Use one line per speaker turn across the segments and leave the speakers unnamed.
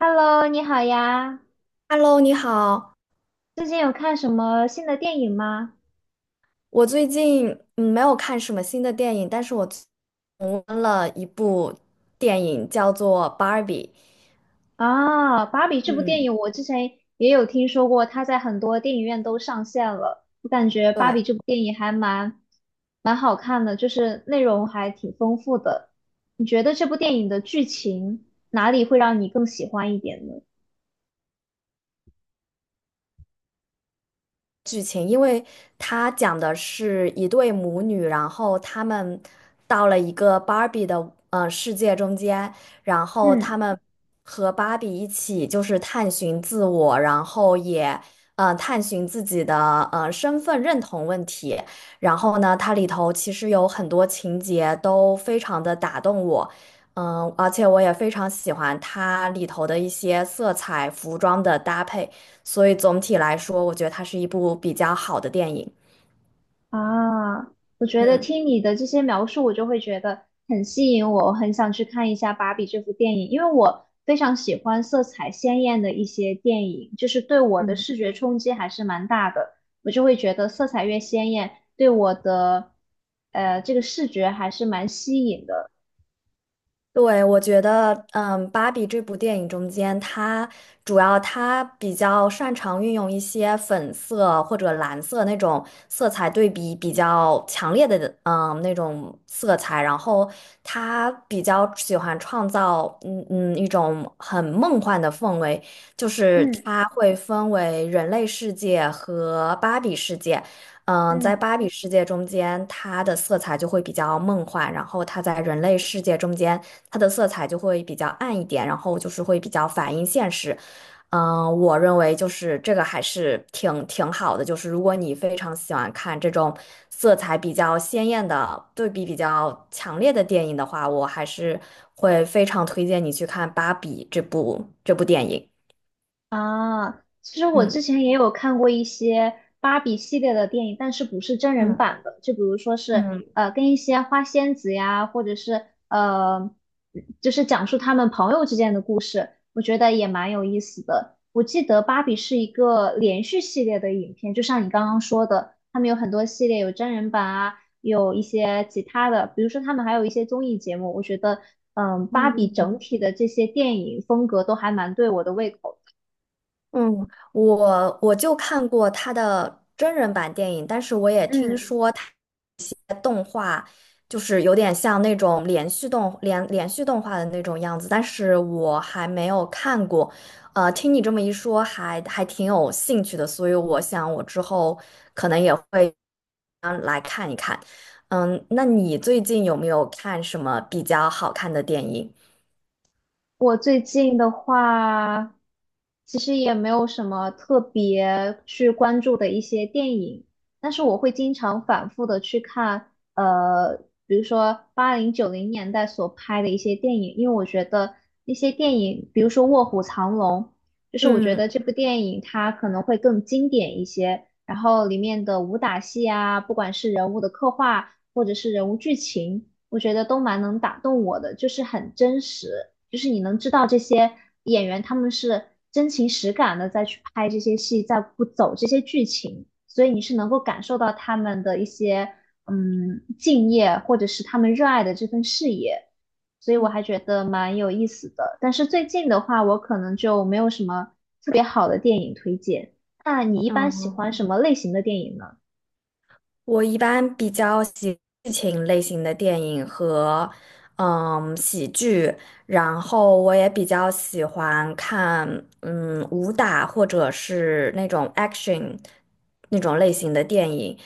Hello，你好呀！
Hello，你好。
最近有看什么新的电影吗？
我最近没有看什么新的电影，但是我重温了一部电影，叫做《Barbie》。
啊，《芭比》这部电
嗯，
影我之前也有听说过，它在很多电影院都上线了。我感觉《芭
对。
比》这部电影还蛮好看的，就是内容还挺丰富的。你觉得这部电影的剧情哪里会让你更喜欢一点呢？
剧情，因为它讲的是一对母女，然后他们到了一个芭比的世界中间，然后
嗯。
他们和芭比一起就是探寻自我，然后也探寻自己的身份认同问题。然后呢，它里头其实有很多情节都非常的打动我。嗯，而且我也非常喜欢它里头的一些色彩、服装的搭配。所以总体来说，我觉得它是一部比较好的电影。
啊，我觉得
嗯，
听你的这些描述，我就会觉得很吸引我，我很想去看一下《芭比》这部电影，因为我非常喜欢色彩鲜艳的一些电影，就是对我的
嗯，
视觉冲击还是蛮大的。我就会觉得色彩越鲜艳，对我的这个视觉还是蛮吸引的。
对，我觉得，嗯，《芭比》这部电影中间，它主要比较擅长运用一些粉色或者蓝色那种色彩对比比较强烈的，嗯，那种色彩，然后它比较喜欢创造，一种很梦幻的氛围，就是
嗯
它会分为人类世界和芭比世界。嗯，在
嗯。
芭比世界中间，它的色彩就会比较梦幻，然后它在人类世界中间。它的色彩就会比较暗一点，然后就是会比较反映现实。嗯，我认为就是这个还是挺好的，就是如果你非常喜欢看这种色彩比较鲜艳的、对比比较强烈的电影的话，我还是会非常推荐你去看《芭比》这部电影。
啊，其实我之
嗯。
前也有看过一些芭比系列的电影，但是不是真人
嗯。
版的，就比如说是
嗯。
跟一些花仙子呀，或者是就是讲述他们朋友之间的故事，我觉得也蛮有意思的。我记得芭比是一个连续系列的影片，就像你刚刚说的，他们有很多系列，有真人版啊，有一些其他的，比如说他们还有一些综艺节目，我觉得芭比整体的这些电影风格都还蛮对我的胃口的。
嗯，我就看过他的真人版电影，但是我也听
嗯，
说。就是有点像那种连续动画的那种样子，但是我还没有看过。听你这么一说还挺有兴趣的，所以我想我之后可能也会。嗯，那你最近有没有看什么比较好看的电影？
我最近的话，其实也没有什么特别去关注的一些电影，但是我会经常反复的去看，比如说80、90年代所拍的一些电影，因为我觉得那些电影，比如说《卧虎藏龙》，就是我觉
嗯。
得这部电影它可能会更经典一些，然后里面的武打戏啊，不管是人物的刻画或者是人物剧情，我觉得都蛮能打动我的，就是很真实。就是你能知道这些演员他们是真情实感的在去拍这些戏，在不走这些剧情，所以你是能够感受到他们的一些敬业，或者是他们热爱的这份事业。所以我还觉得蛮有意思的。但是最近的话，我可能就没有什么特别好的电影推荐。那你一般喜
嗯。
欢什么类型的电影呢？
我一般比较喜剧情类型的电影和喜剧，然后我也比较喜欢看武打或者是那种 action 那种类型的电影。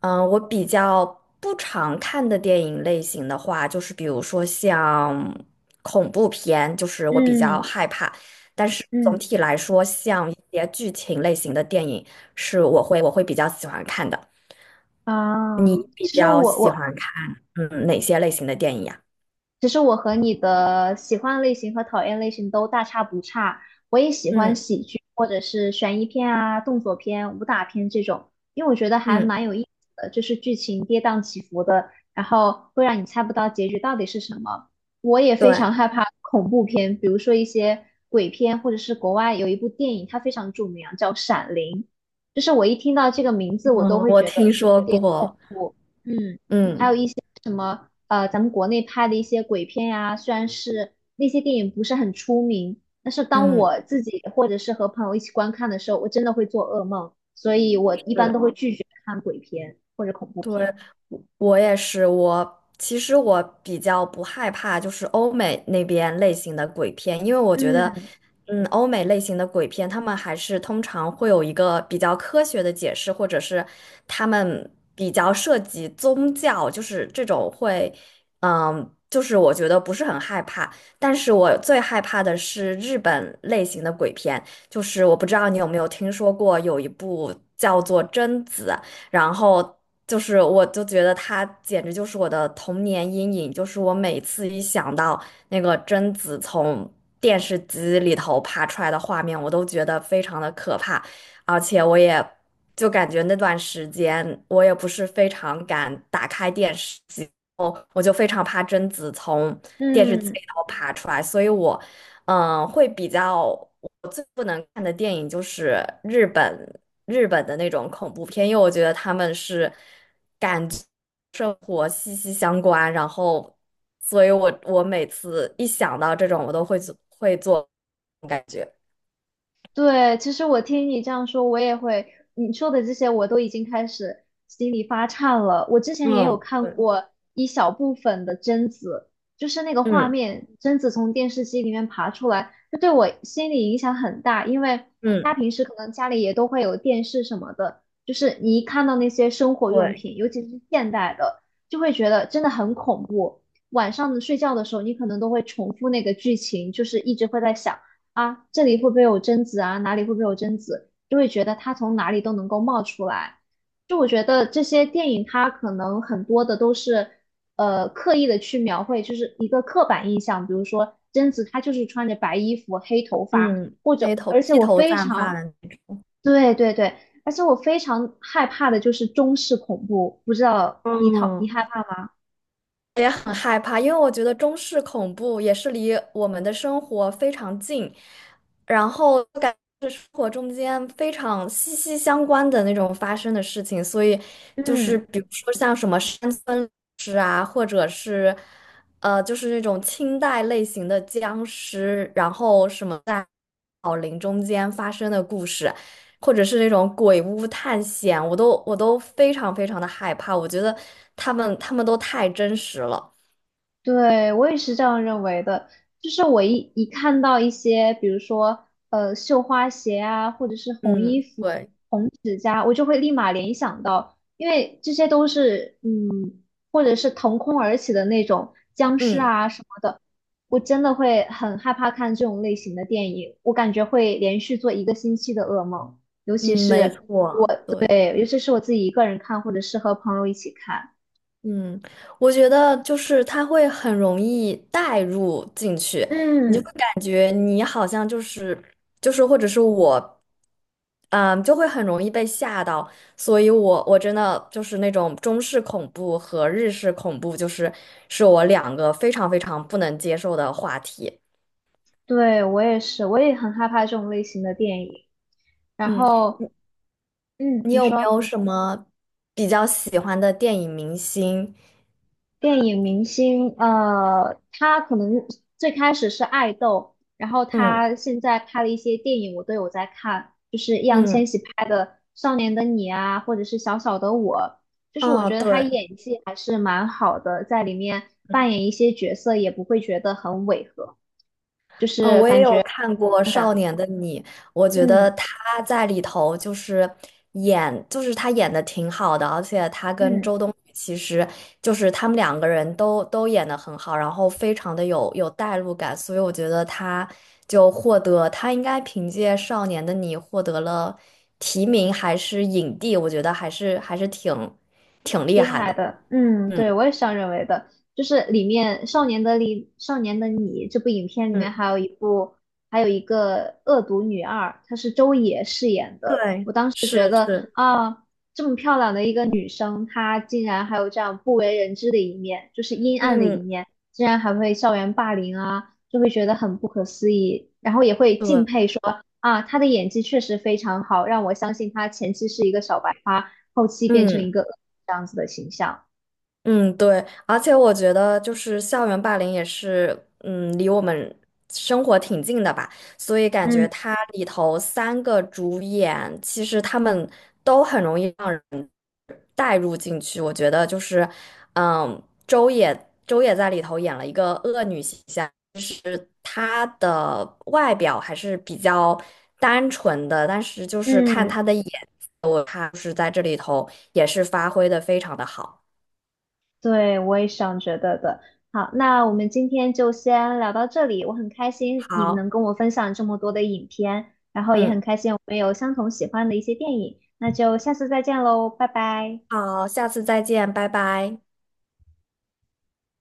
嗯，我比较不常看的电影类型的话，就是比如说像恐怖片，就是我比较
嗯
害怕。但是总
嗯。
体来说，像一些剧情类型的电影，是我会比较喜欢看的。
啊，
你比
其实
较
我
喜
我
欢看哪些类型的电影呀？
其实我和你的喜欢类型和讨厌类型都大差不差，我也喜欢
嗯。
喜剧或者是悬疑片啊、动作片、武打片这种，因为我觉得还
嗯，
蛮有意思的，就是剧情跌宕起伏的，然后会让你猜不到结局到底是什么。我也非
对。
常害怕恐怖片，比如说一些鬼片，或者是国外有一部电影，它非常著名啊，叫《闪灵》，就是我一听到这个名字，我都
嗯，
会
我
觉得
听说
有点恐
过。
怖。嗯。
嗯。
咱们国内拍的一些鬼片呀，虽然是那些电影不是很出名，但是当
嗯，
我自己或者是和朋友一起观看的时候，我真的会做噩梦，所以我一般都
是。
会拒绝看鬼片或者恐怖
对，
片。
我我也是，我其实我比较不害怕就是欧美那边类型的鬼片，因为我觉得，
嗯
嗯，欧美类型的鬼片，他们还是通常会有一个比较科学的解释，或者是他们比较涉及宗教，就是这种会，嗯，就是我觉得不是很害怕，但是我最害怕的是日本类型的鬼片，就是我不知道你有没有听说过有一部叫做《贞子》。然后就是我就觉得他简直就是我的童年阴影，就是我每次一想到那个贞子从电视机里头爬出来的画面，我都觉得非常的可怕，而且我也就感觉那段时间我也不是非常敢打开电视机。我就非常怕贞子从电视机
嗯。
里头爬出来，所以我会比较我最不能看的电影就是日本日本的那种恐怖片，因为我觉得他们是感觉生活息息相关，然后，所以我每次一想到这种，我都会做感觉。
对，其实我听你这样说，我也会，你说的这些我都已经开始心里发颤了。我之前也有
嗯，
看
对。
过一小部分的贞子，就是那个画
嗯。
面，贞子从电视机里面爬出来，这对我心理影响很大，因为大
嗯，
家平时可能家里也都会有电视什么的，就是你一看到那些生活用
对。
品，尤其是现代的，就会觉得真的很恐怖。晚上睡觉的时候，你可能都会重复那个剧情，就是一直会在想。啊，这里会不会有贞子啊？哪里会不会有贞子？就会觉得他从哪里都能够冒出来。就我觉得这些电影，它可能很多的都是，刻意的去描绘，就是一个刻板印象。比如说贞子，她就是穿着白衣服、黑头发，
嗯，
或
黑
者，
头
而且
披
我
头
非
散发
常，
的。
对对对，而且我非常害怕的就是中式恐怖，不知道你讨你
嗯。
害怕吗？
我也很害怕，因为我觉得中式恐怖也是离我们的生活非常近，然后感觉是生活中间非常息息相关的那种发生的事情，所以就是
嗯。
比如说像什么山村尸啊，或者是就是那种清代类型的僵尸，然后什么在老林中间发生的故事，或者是那种鬼屋探险，我都非常非常的害怕。我觉得他们都太真实了。
对，我也是这样认为的。就是我一看到一些，比如说绣花鞋啊，或者是红衣
嗯，
服、
对。
红指甲，我就会立马联想到，因为这些都是或者是腾空而起的那种僵尸
嗯。
啊什么的，我真的会很害怕看这种类型的电影，我感觉会连续做一个星期的噩梦，尤其
嗯，没
是
错，对。
对，尤其是我自己一个人看，或者是和朋友一起看，
嗯，我觉得就是他会很容易带入进去。
嗯。
感觉你好像就是或者是我，嗯，就会很容易被吓到，所以我真的就是那种中式恐怖和日式恐怖，就是是我两个非常非常不能接受的话题。
对，我也是，我也很害怕这种类型的电影。然
嗯，
后，嗯，
你
你
有没
说
有什么比较喜欢的电影明星？
电影明星，呃，他可能最开始是爱豆，然后
嗯。
他现在拍的一些电影，我都有在看，就是易烊
嗯。
千玺拍的《少年的你》啊，或者是《小小的我》，就是我
嗯，
觉得他
对。
演技还是蛮好的，在里面扮演一些角色也不会觉得很违和。
嗯，我也有看过《少年的你》，我觉得
嗯
他在里头就是就是他演的挺好的，而且他跟
嗯。
周冬雨其实就是他们两个人都演的很好，然后非常的有代入感，所以我觉得他就获得他应该凭借《少年的你》获得了提名还是影帝，我觉得还是挺厉
厉
害
害
的。
的，嗯，对，
嗯。
我也是这样认为的。就是里面《少年的你》《少年的你》这部影片里面
嗯，
还有一部，还有一个恶毒女二，她是周也饰演的
对。是是。
啊。这么漂亮的一个女生，她竟然还有这样不为人知的一面，就是阴暗的一
嗯，
面，竟然还会校园霸凌啊，就会觉得很不可思议，然后也会敬
对。
佩说啊，她的演技确实非常好，让我相信她前期是一个小白花，后期变成一
嗯。
个恶女这样子的形象。
嗯，对，而且我觉得就是校园霸凌也是，嗯，离我们生活挺近的吧，所以感
嗯
觉它里头三个主演，其实他们都很容易让人带入进去。我觉得就是，嗯，周也在里头演了一个恶女形象，她的外表还是比较单纯的，但是就是看
嗯，
她的眼，她就是在这里头也是发挥的非常的好。
对，我也是这样觉得的。好，那我们今天就先聊到这里。我很开心你能
好。
跟我分享这么多的影片，然后也很
嗯。
开心我们有相同喜欢的一些电影。那就下次再见喽，拜拜。
好，下次再见，拜拜。